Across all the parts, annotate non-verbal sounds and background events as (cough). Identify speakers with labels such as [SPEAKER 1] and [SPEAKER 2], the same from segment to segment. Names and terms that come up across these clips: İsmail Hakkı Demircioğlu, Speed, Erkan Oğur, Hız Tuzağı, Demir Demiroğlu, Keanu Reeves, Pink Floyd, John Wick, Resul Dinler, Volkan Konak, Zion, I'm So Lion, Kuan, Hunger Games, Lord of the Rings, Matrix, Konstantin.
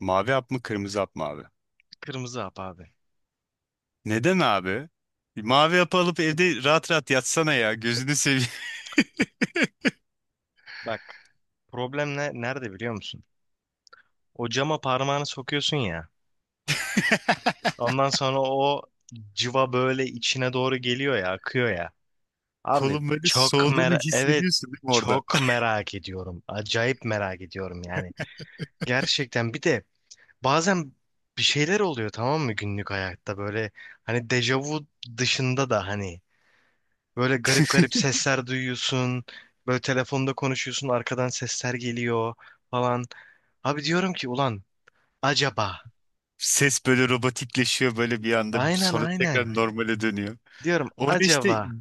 [SPEAKER 1] Mavi hap mı kırmızı hap mı abi?
[SPEAKER 2] Kırmızı hap abi.
[SPEAKER 1] Neden abi? Mavi hap alıp evde rahat rahat yatsana ya. Gözünü seveyim. (laughs)
[SPEAKER 2] Bak, problem ne, nerede biliyor musun? O cama parmağını sokuyorsun ya. Ondan sonra o cıva böyle içine doğru geliyor ya, akıyor ya. Abi
[SPEAKER 1] Kolun böyle
[SPEAKER 2] çok
[SPEAKER 1] soğuduğunu
[SPEAKER 2] evet,
[SPEAKER 1] hissediyorsun değil mi orada?
[SPEAKER 2] çok merak ediyorum. Acayip merak ediyorum yani. Gerçekten bir de bazen bir şeyler oluyor, tamam mı, günlük hayatta böyle, hani dejavu dışında da, hani böyle garip garip sesler duyuyorsun. Böyle telefonda konuşuyorsun, arkadan sesler geliyor falan. Abi diyorum ki ulan, acaba.
[SPEAKER 1] Ses böyle robotikleşiyor böyle bir anda,
[SPEAKER 2] Aynen,
[SPEAKER 1] sonra
[SPEAKER 2] aynen.
[SPEAKER 1] tekrar normale dönüyor.
[SPEAKER 2] Diyorum
[SPEAKER 1] Orada işte
[SPEAKER 2] acaba.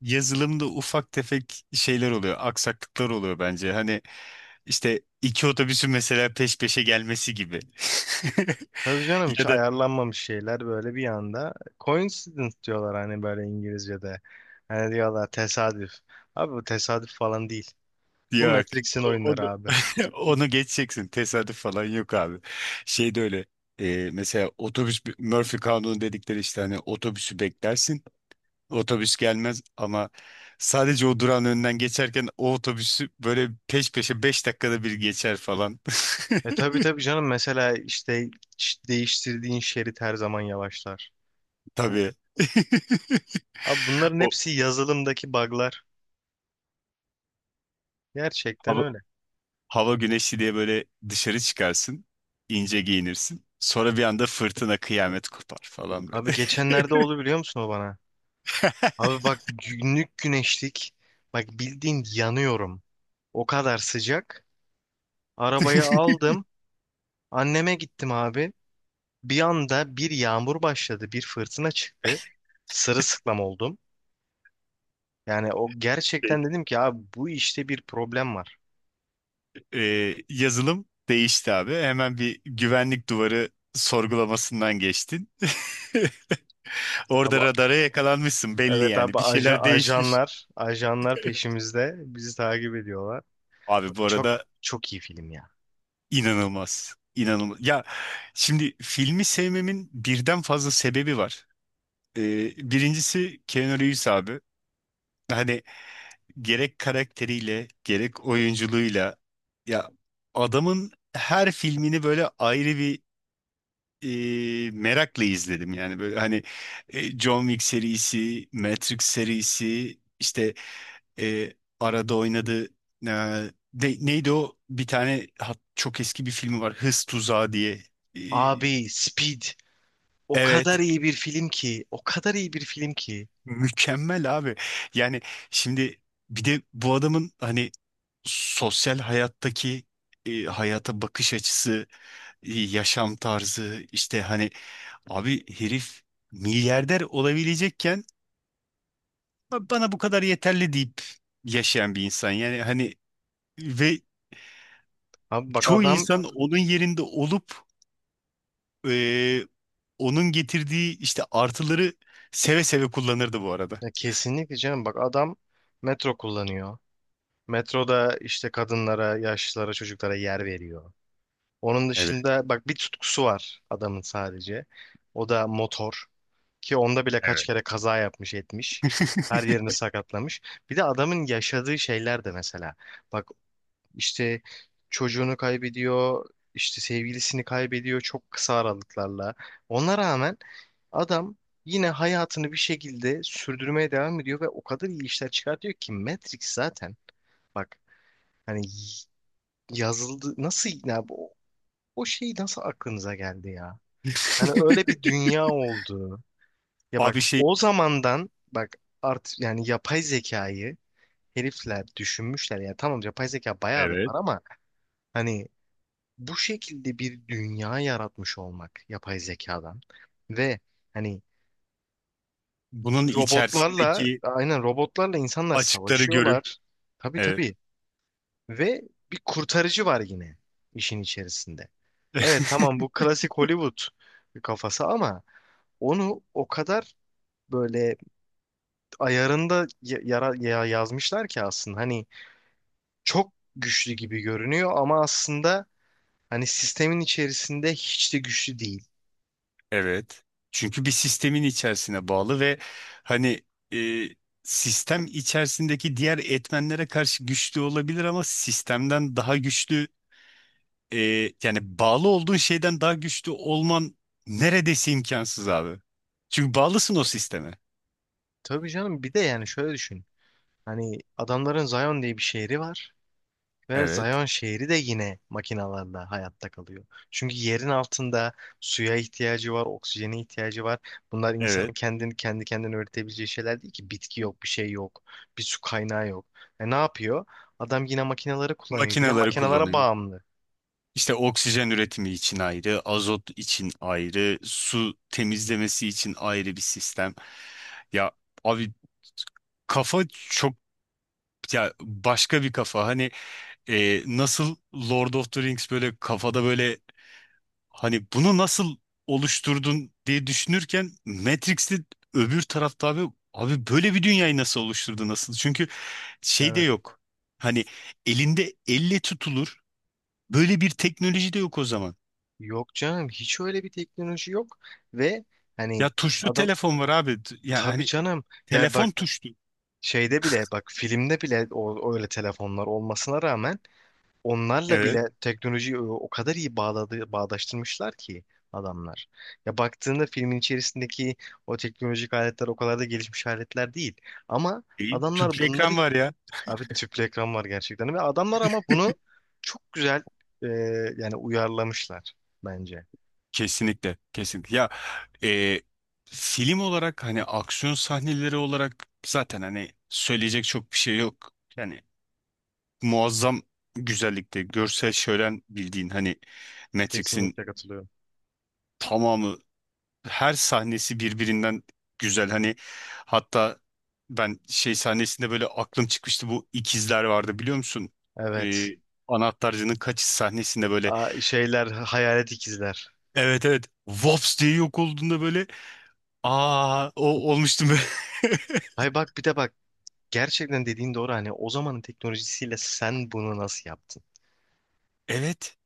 [SPEAKER 1] yazılımda ufak tefek şeyler oluyor, aksaklıklar oluyor bence. Hani işte iki otobüsün mesela peş peşe gelmesi gibi. (laughs)
[SPEAKER 2] Tabii canım,
[SPEAKER 1] Ya
[SPEAKER 2] hiç
[SPEAKER 1] da.
[SPEAKER 2] ayarlanmamış şeyler böyle bir anda. Coincidence diyorlar hani, böyle İngilizce'de. Hani diyorlar tesadüf. Abi, bu tesadüf falan değil. Bu
[SPEAKER 1] Yok.
[SPEAKER 2] Matrix'in oyunları
[SPEAKER 1] Onu,
[SPEAKER 2] abi.
[SPEAKER 1] (laughs) onu geçeceksin. Tesadüf falan yok abi. Şey de öyle. Mesela otobüs Murphy kanunu dedikleri, işte hani otobüsü beklersin. Otobüs gelmez ama sadece o durağın önünden geçerken o otobüsü böyle peş peşe 5 dakikada bir geçer falan.
[SPEAKER 2] E tabii tabii canım, mesela işte değiştirdiğin şerit her zaman yavaşlar.
[SPEAKER 1] (laughs) Tabii. (laughs)
[SPEAKER 2] Abi, bunların
[SPEAKER 1] O
[SPEAKER 2] hepsi yazılımdaki bug'lar. Gerçekten
[SPEAKER 1] hava,
[SPEAKER 2] öyle.
[SPEAKER 1] hava güneşli diye böyle dışarı çıkarsın. İnce giyinirsin. Sonra bir anda fırtına kıyamet kopar falan böyle.
[SPEAKER 2] Abi, geçenlerde oldu biliyor musun o bana? Abi bak, günlük güneşlik. Bak, bildiğin yanıyorum. O kadar sıcak. Arabayı aldım. Anneme gittim abi. Bir anda bir yağmur başladı. Bir fırtına çıktı. Sırılsıklam oldum. Yani o gerçekten,
[SPEAKER 1] (laughs)
[SPEAKER 2] dedim ki abi bu işte, bir problem var.
[SPEAKER 1] Yazılım değişti abi. Hemen bir güvenlik duvarı sorgulamasından geçtin. (laughs)
[SPEAKER 2] Abi,
[SPEAKER 1] Orada radara yakalanmışsın belli
[SPEAKER 2] evet
[SPEAKER 1] yani.
[SPEAKER 2] abi,
[SPEAKER 1] Bir şeyler değişmiş.
[SPEAKER 2] ajanlar ajanlar peşimizde. Bizi takip ediyorlar.
[SPEAKER 1] Abi bu
[SPEAKER 2] Çok
[SPEAKER 1] arada
[SPEAKER 2] çok iyi film ya.
[SPEAKER 1] inanılmaz. İnanılmaz. Ya şimdi, filmi sevmemin birden fazla sebebi var. Birincisi Keanu Reeves abi. Hani gerek karakteriyle gerek oyunculuğuyla, ya, adamın her filmini böyle ayrı bir merakla izledim yani, böyle hani John Wick serisi, Matrix serisi, işte e, arada oynadı. E, de- neydi o bir tane çok eski bir filmi var, Hız Tuzağı diye. E,
[SPEAKER 2] Abi, Speed o
[SPEAKER 1] evet
[SPEAKER 2] kadar iyi bir film ki. O kadar iyi bir film ki.
[SPEAKER 1] mükemmel abi, yani şimdi bir de bu adamın hani sosyal hayattaki hayata bakış açısı, yaşam tarzı işte, hani abi, herif milyarder olabilecekken bana bu kadar yeterli deyip yaşayan bir insan. Yani hani, ve
[SPEAKER 2] Abi bak
[SPEAKER 1] çoğu
[SPEAKER 2] adam
[SPEAKER 1] insan onun yerinde olup e, onun getirdiği işte artıları seve seve kullanırdı bu arada.
[SPEAKER 2] ya kesinlikle canım, bak adam metro kullanıyor. Metroda işte kadınlara, yaşlılara, çocuklara yer veriyor. Onun dışında bak, bir tutkusu var adamın sadece. O da motor, ki onda bile kaç kere kaza yapmış etmiş. Her
[SPEAKER 1] (laughs)
[SPEAKER 2] yerini sakatlamış. Bir de adamın yaşadığı şeyler de mesela. Bak işte çocuğunu kaybediyor, işte sevgilisini kaybediyor çok kısa aralıklarla. Ona rağmen adam yine hayatını bir şekilde sürdürmeye devam ediyor ve o kadar iyi işler çıkartıyor ki Matrix zaten, bak, hani yazıldı nasıl ya bu, o şey nasıl aklınıza geldi ya? Hani öyle bir dünya oldu. Ya bak,
[SPEAKER 1] Abi şey,
[SPEAKER 2] o zamandan bak, yani yapay zekayı herifler düşünmüşler ya, tamam, yapay zeka bayağıdır var, ama hani bu şekilde bir dünya yaratmış olmak yapay zekadan ve hani
[SPEAKER 1] bunun
[SPEAKER 2] robotlarla,
[SPEAKER 1] içerisindeki
[SPEAKER 2] aynen, robotlarla insanlar
[SPEAKER 1] açıkları görüp,
[SPEAKER 2] savaşıyorlar. Tabii
[SPEAKER 1] evet.
[SPEAKER 2] tabii, ve bir kurtarıcı var yine işin içerisinde. Evet tamam, bu
[SPEAKER 1] (laughs)
[SPEAKER 2] klasik Hollywood kafası, ama onu o kadar böyle ayarında yazmışlar ki, aslında hani çok güçlü gibi görünüyor ama aslında hani sistemin içerisinde hiç de güçlü değil.
[SPEAKER 1] Evet. Çünkü bir sistemin içerisine bağlı ve hani, e, sistem içerisindeki diğer etmenlere karşı güçlü olabilir ama sistemden daha güçlü, e, yani bağlı olduğun şeyden daha güçlü olman neredeyse imkansız abi. Çünkü bağlısın o sisteme.
[SPEAKER 2] Tabii canım, bir de yani şöyle düşün. Hani adamların Zion diye bir şehri var ve
[SPEAKER 1] Evet.
[SPEAKER 2] Zion şehri de yine makinalarla hayatta kalıyor. Çünkü yerin altında suya ihtiyacı var, oksijene ihtiyacı var. Bunlar insanın
[SPEAKER 1] Evet.
[SPEAKER 2] kendini kendi kendine üretebileceği şeyler değil ki. Bitki yok, bir şey yok, bir su kaynağı yok. E ne yapıyor? Adam yine makinaları kullanıyor. Yine
[SPEAKER 1] Makineleri
[SPEAKER 2] makinalara
[SPEAKER 1] kullanıyor.
[SPEAKER 2] bağımlı.
[SPEAKER 1] İşte oksijen üretimi için ayrı, azot için ayrı, su temizlemesi için ayrı bir sistem. Ya abi, kafa çok, ya, başka bir kafa. Hani nasıl Lord of the Rings böyle kafada böyle, hani bunu nasıl oluşturdun diye düşünürken Matrix'te öbür tarafta, abi, abi, böyle bir dünyayı nasıl oluşturdu, nasıl? Çünkü şey de
[SPEAKER 2] Evet.
[SPEAKER 1] yok. Hani elinde elle tutulur böyle bir teknoloji de yok o zaman.
[SPEAKER 2] Yok canım, hiç öyle bir teknoloji yok ve hani
[SPEAKER 1] Ya tuşlu
[SPEAKER 2] adam,
[SPEAKER 1] telefon var abi. Yani
[SPEAKER 2] tabii
[SPEAKER 1] hani,
[SPEAKER 2] canım, ya
[SPEAKER 1] telefon
[SPEAKER 2] bak,
[SPEAKER 1] tuşlu.
[SPEAKER 2] şeyde bile, bak, filmde bile, o, öyle telefonlar olmasına rağmen onlarla
[SPEAKER 1] Evet,
[SPEAKER 2] bile teknolojiyi o kadar iyi bağladı, bağdaştırmışlar ki adamlar. Ya baktığında filmin içerisindeki o teknolojik aletler o kadar da gelişmiş aletler değil. Ama
[SPEAKER 1] değil.
[SPEAKER 2] adamlar
[SPEAKER 1] Tüplü
[SPEAKER 2] bunları,
[SPEAKER 1] ekran var ya.
[SPEAKER 2] abi tüplü ekran var gerçekten, ve adamlar ama bunu çok güzel, e, yani, uyarlamışlar bence.
[SPEAKER 1] Kesinlikle. Kesinlikle. Ya e, film olarak, hani aksiyon sahneleri olarak, zaten hani söyleyecek çok bir şey yok. Yani muazzam güzellikte görsel şölen, bildiğin hani Matrix'in
[SPEAKER 2] Kesinlikle katılıyorum.
[SPEAKER 1] tamamı, her sahnesi birbirinden güzel hani, hatta ben şey sahnesinde böyle aklım çıkmıştı, bu ikizler vardı biliyor musun? Ee,
[SPEAKER 2] Evet.
[SPEAKER 1] anahtarcının kaçış sahnesinde böyle,
[SPEAKER 2] Şeyler, hayalet ikizler.
[SPEAKER 1] evet evet, Vops diye yok olduğunda böyle, aa, o olmuştum böyle. (laughs)
[SPEAKER 2] Hay bak, bir de bak, gerçekten dediğin doğru, hani o zamanın teknolojisiyle sen bunu nasıl yaptın?
[SPEAKER 1] Evet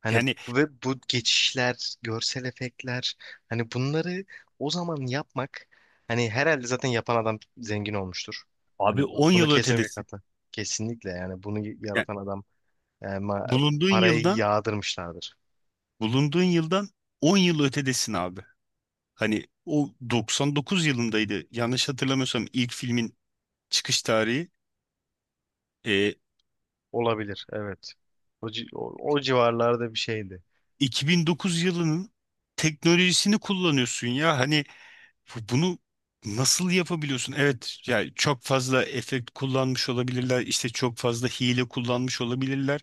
[SPEAKER 2] Hani
[SPEAKER 1] yani,
[SPEAKER 2] ve bu geçişler, görsel efektler, hani bunları o zaman yapmak, hani herhalde zaten yapan adam zengin olmuştur. Hani
[SPEAKER 1] abi on
[SPEAKER 2] bunu
[SPEAKER 1] yıl
[SPEAKER 2] kesinlikle
[SPEAKER 1] ötedesin.
[SPEAKER 2] katla. Kesinlikle, yani bunu
[SPEAKER 1] Yani
[SPEAKER 2] yaratan adam,
[SPEAKER 1] bulunduğun
[SPEAKER 2] parayı
[SPEAKER 1] yıldan
[SPEAKER 2] yağdırmışlardır.
[SPEAKER 1] bulunduğun yıldan 10 yıl ötedesin abi. Hani o 99 yılındaydı, yanlış hatırlamıyorsam ilk filmin çıkış tarihi. E,
[SPEAKER 2] Olabilir, evet. O civarlarda bir şeydi.
[SPEAKER 1] 2009 yılının teknolojisini kullanıyorsun ya. Hani bunu nasıl yapabiliyorsun? Evet, yani çok fazla efekt kullanmış olabilirler. İşte çok fazla hile kullanmış olabilirler.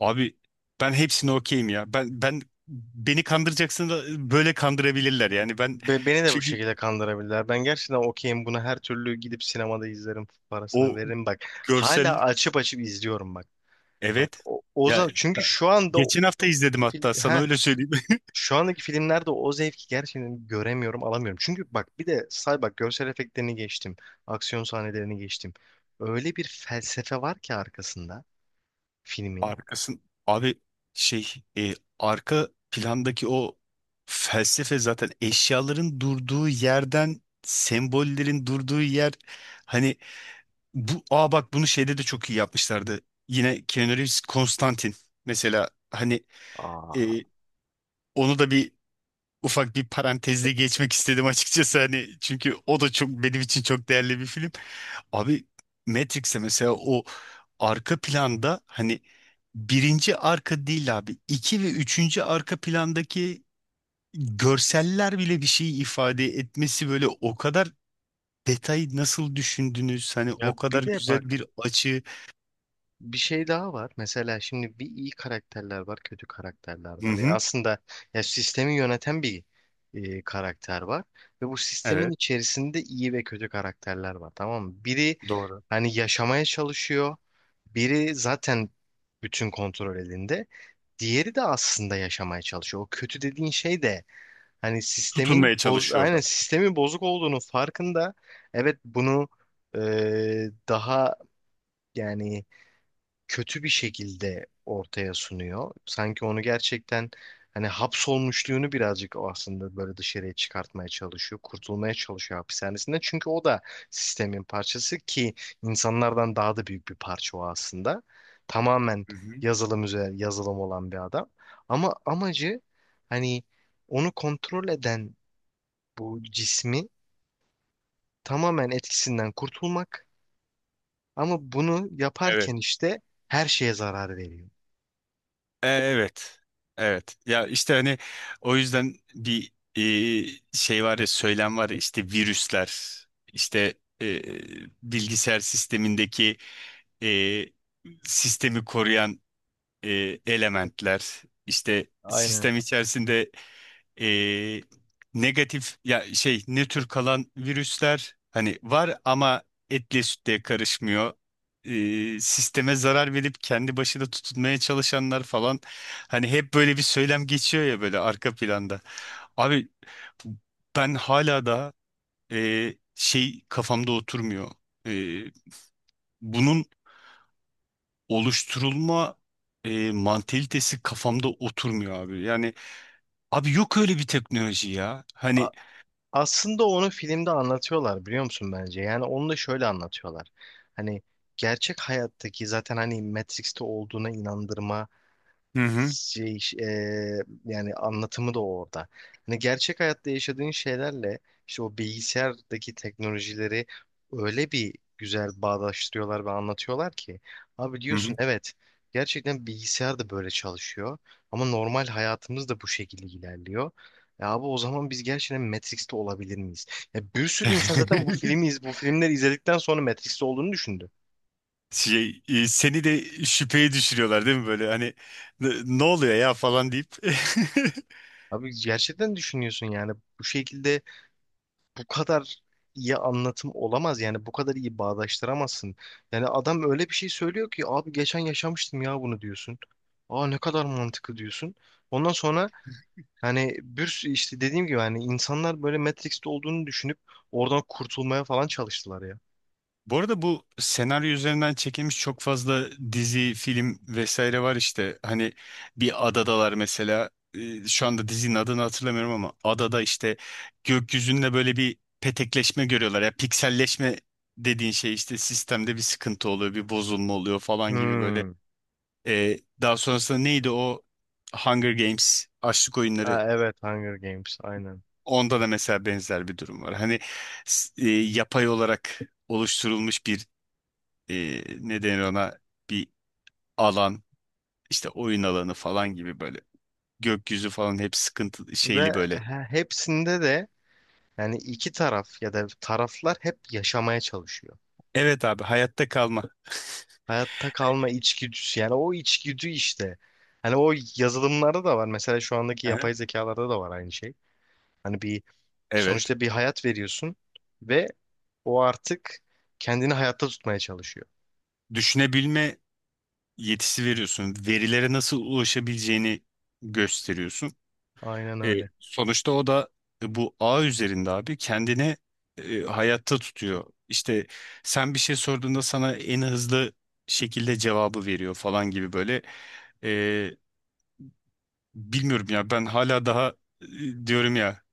[SPEAKER 1] Abi ben hepsine okeyim ya. Ben beni kandıracaksın, da böyle kandırabilirler yani. Ben,
[SPEAKER 2] Beni de bu
[SPEAKER 1] çünkü
[SPEAKER 2] şekilde kandırabilirler. Ben gerçekten okeyim buna, her türlü gidip sinemada izlerim, parasını
[SPEAKER 1] o
[SPEAKER 2] veririm bak.
[SPEAKER 1] görsel,
[SPEAKER 2] Hala açıp açıp izliyorum bak. Bak
[SPEAKER 1] evet.
[SPEAKER 2] o, o
[SPEAKER 1] Ya,
[SPEAKER 2] zaman çünkü şu anda
[SPEAKER 1] geçen hafta izledim
[SPEAKER 2] He.
[SPEAKER 1] hatta, sana öyle söyleyeyim.
[SPEAKER 2] Şu andaki filmlerde o zevki gerçekten göremiyorum, alamıyorum. Çünkü bak, bir de say bak, görsel efektlerini geçtim. Aksiyon sahnelerini geçtim. Öyle bir felsefe var ki arkasında
[SPEAKER 1] (laughs)
[SPEAKER 2] filmin.
[SPEAKER 1] Arkasın abi, şey arka plandaki o felsefe, zaten eşyaların durduğu yerden sembollerin durduğu yer, hani bu, aa bak, bunu şeyde de çok iyi yapmışlardı. Yine Keanu Reeves Konstantin mesela, hani e,
[SPEAKER 2] Aa.
[SPEAKER 1] onu da bir ufak bir parantezle geçmek istedim açıkçası, hani çünkü o da çok benim için çok değerli bir film. Abi Matrix'e mesela, o arka planda hani, birinci arka değil abi, iki ve üçüncü arka plandaki görseller bile bir şey ifade etmesi, böyle o kadar detayı nasıl düşündünüz hani,
[SPEAKER 2] Ya
[SPEAKER 1] o kadar
[SPEAKER 2] bir de bak,
[SPEAKER 1] güzel bir açı.
[SPEAKER 2] bir şey daha var. Mesela şimdi bir iyi karakterler var, kötü karakterler
[SPEAKER 1] Hı
[SPEAKER 2] var. Ya
[SPEAKER 1] hı.
[SPEAKER 2] aslında, ya sistemi yöneten bir, karakter var ve bu sistemin
[SPEAKER 1] Evet,
[SPEAKER 2] içerisinde iyi ve kötü karakterler var. Tamam mı? Biri
[SPEAKER 1] doğru.
[SPEAKER 2] hani yaşamaya çalışıyor. Biri zaten, bütün kontrol elinde. Diğeri de aslında yaşamaya çalışıyor. O kötü dediğin şey de, hani sistemin
[SPEAKER 1] Tutunmaya
[SPEAKER 2] boz,
[SPEAKER 1] çalışıyor
[SPEAKER 2] aynen
[SPEAKER 1] orada.
[SPEAKER 2] sistemin bozuk olduğunu farkında. Evet, bunu, e, daha, yani kötü bir şekilde ortaya sunuyor. Sanki onu gerçekten, hani hapsolmuşluğunu birazcık, o aslında böyle dışarıya çıkartmaya çalışıyor. Kurtulmaya çalışıyor hapishanesinden. Çünkü o da sistemin parçası, ki insanlardan daha da büyük bir parça o aslında. Tamamen
[SPEAKER 1] Hı hı.
[SPEAKER 2] yazılım üzerine yazılım olan bir adam. Ama amacı, hani onu kontrol eden bu cismi tamamen etkisinden kurtulmak. Ama bunu
[SPEAKER 1] Evet.
[SPEAKER 2] yaparken işte her şeye zarar veriyor.
[SPEAKER 1] Evet. Evet. Ya işte hani o yüzden bir şey var ya, söylem var ya, işte virüsler, işte e, bilgisayar sistemindeki e, sistemi koruyan e, elementler, işte
[SPEAKER 2] Aynen.
[SPEAKER 1] sistem içerisinde e, negatif ya şey, nötr kalan virüsler hani var ama etle sütle karışmıyor. Sisteme zarar verip kendi başına tutunmaya çalışanlar falan, hani hep böyle bir söylem geçiyor ya böyle arka planda. Abi ben hala da şey kafamda oturmuyor. E, bunun oluşturulma mantalitesi kafamda oturmuyor abi. Yani abi, yok öyle bir teknoloji ya. Hani.
[SPEAKER 2] Aslında onu filmde anlatıyorlar biliyor musun, bence? Yani onu da şöyle anlatıyorlar. Hani gerçek hayattaki, zaten hani Matrix'te olduğuna inandırma
[SPEAKER 1] Hı hı.
[SPEAKER 2] şey, yani anlatımı da orada. Hani gerçek hayatta yaşadığın şeylerle işte o bilgisayardaki teknolojileri öyle bir güzel bağdaştırıyorlar ve anlatıyorlar ki, abi
[SPEAKER 1] Hı
[SPEAKER 2] diyorsun
[SPEAKER 1] hı.
[SPEAKER 2] evet, gerçekten bilgisayar da böyle çalışıyor ama normal hayatımız da bu şekilde ilerliyor. Ya abi, o zaman biz gerçekten Matrix'te olabilir miyiz? Ya bir sürü insan zaten bu
[SPEAKER 1] (laughs)
[SPEAKER 2] filmi bu filmleri izledikten sonra Matrix'te olduğunu düşündü.
[SPEAKER 1] Şey, seni de şüpheye düşürüyorlar değil mi, böyle hani "Ne oluyor ya" falan deyip. (laughs)
[SPEAKER 2] Abi, gerçekten düşünüyorsun yani, bu şekilde bu kadar iyi anlatım olamaz, yani bu kadar iyi bağdaştıramazsın. Yani adam öyle bir şey söylüyor ki, abi geçen yaşamıştım ya bunu diyorsun. Aa, ne kadar mantıklı diyorsun. Ondan sonra hani bir işte, dediğim gibi, hani insanlar böyle Matrix'te olduğunu düşünüp oradan kurtulmaya falan çalıştılar ya.
[SPEAKER 1] Bu arada bu senaryo üzerinden çekilmiş çok fazla dizi, film vesaire var işte. Hani bir adadalar mesela. Şu anda dizinin adını hatırlamıyorum, ama adada işte gökyüzünde böyle bir petekleşme görüyorlar. Ya, pikselleşme dediğin şey işte, sistemde bir sıkıntı oluyor, bir bozulma oluyor falan gibi böyle.
[SPEAKER 2] Hmm.
[SPEAKER 1] Daha sonrasında neydi o, Hunger Games, açlık oyunları,
[SPEAKER 2] Ha, evet, Hunger Games, aynen.
[SPEAKER 1] onda da mesela benzer bir durum var. Hani yapay olarak oluşturulmuş bir, ne denir ona, bir alan işte, oyun alanı falan gibi böyle, gökyüzü falan hep sıkıntı
[SPEAKER 2] Ve
[SPEAKER 1] şeyli böyle.
[SPEAKER 2] hepsinde de, yani iki taraf ya da taraflar hep yaşamaya çalışıyor.
[SPEAKER 1] Evet abi, hayatta kalma.
[SPEAKER 2] Hayatta kalma içgüdüsü. Yani o içgüdü işte. Hani o yazılımlarda da var. Mesela şu andaki
[SPEAKER 1] Aha.
[SPEAKER 2] yapay zekalarda da var, aynı şey. Hani bir,
[SPEAKER 1] Evet.
[SPEAKER 2] sonuçta bir hayat veriyorsun ve o artık kendini hayatta tutmaya çalışıyor.
[SPEAKER 1] Düşünebilme yetisi veriyorsun. Verilere nasıl ulaşabileceğini gösteriyorsun.
[SPEAKER 2] Aynen
[SPEAKER 1] E,
[SPEAKER 2] öyle.
[SPEAKER 1] sonuçta o da bu ağ üzerinde abi kendini hayatta tutuyor. İşte sen bir şey sorduğunda sana en hızlı şekilde cevabı veriyor falan gibi böyle. E, bilmiyorum ya, ben hala daha diyorum ya,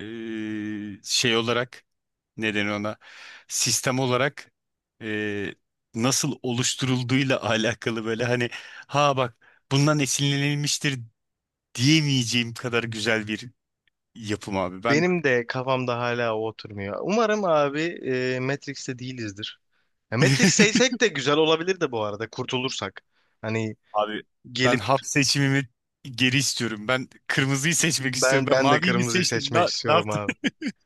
[SPEAKER 1] şey olarak, neden ona sistem olarak e, nasıl oluşturulduğuyla (laughs) alakalı, böyle hani, ha bak, bundan esinlenilmiştir diyemeyeceğim kadar güzel bir yapım abi. Ben.
[SPEAKER 2] Benim de kafamda hala o oturmuyor. Umarım abi Matrix'te değilizdir. Ya
[SPEAKER 1] (laughs)
[SPEAKER 2] Matrix'teysek de güzel olabilir de bu arada, kurtulursak. Hani
[SPEAKER 1] Abi ben
[SPEAKER 2] gelip,
[SPEAKER 1] hap seçimimi geri istiyorum. Ben kırmızıyı seçmek istiyorum.
[SPEAKER 2] ben
[SPEAKER 1] Ben
[SPEAKER 2] ben de
[SPEAKER 1] maviyi mi
[SPEAKER 2] kırmızıyı
[SPEAKER 1] seçtim?
[SPEAKER 2] seçmek
[SPEAKER 1] Ne
[SPEAKER 2] istiyorum
[SPEAKER 1] yaptım?
[SPEAKER 2] abi.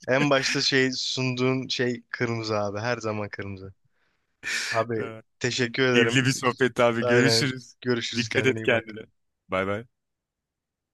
[SPEAKER 2] En başta şey sunduğun şey kırmızı abi. Her zaman kırmızı.
[SPEAKER 1] (laughs)
[SPEAKER 2] Abi,
[SPEAKER 1] Ee,
[SPEAKER 2] teşekkür
[SPEAKER 1] Keyifli
[SPEAKER 2] ederim.
[SPEAKER 1] bir sohbet abi.
[SPEAKER 2] Aynen.
[SPEAKER 1] Görüşürüz.
[SPEAKER 2] Görüşürüz.
[SPEAKER 1] Dikkat
[SPEAKER 2] Kendine
[SPEAKER 1] et
[SPEAKER 2] iyi
[SPEAKER 1] kendine.
[SPEAKER 2] bak.
[SPEAKER 1] Bay bay.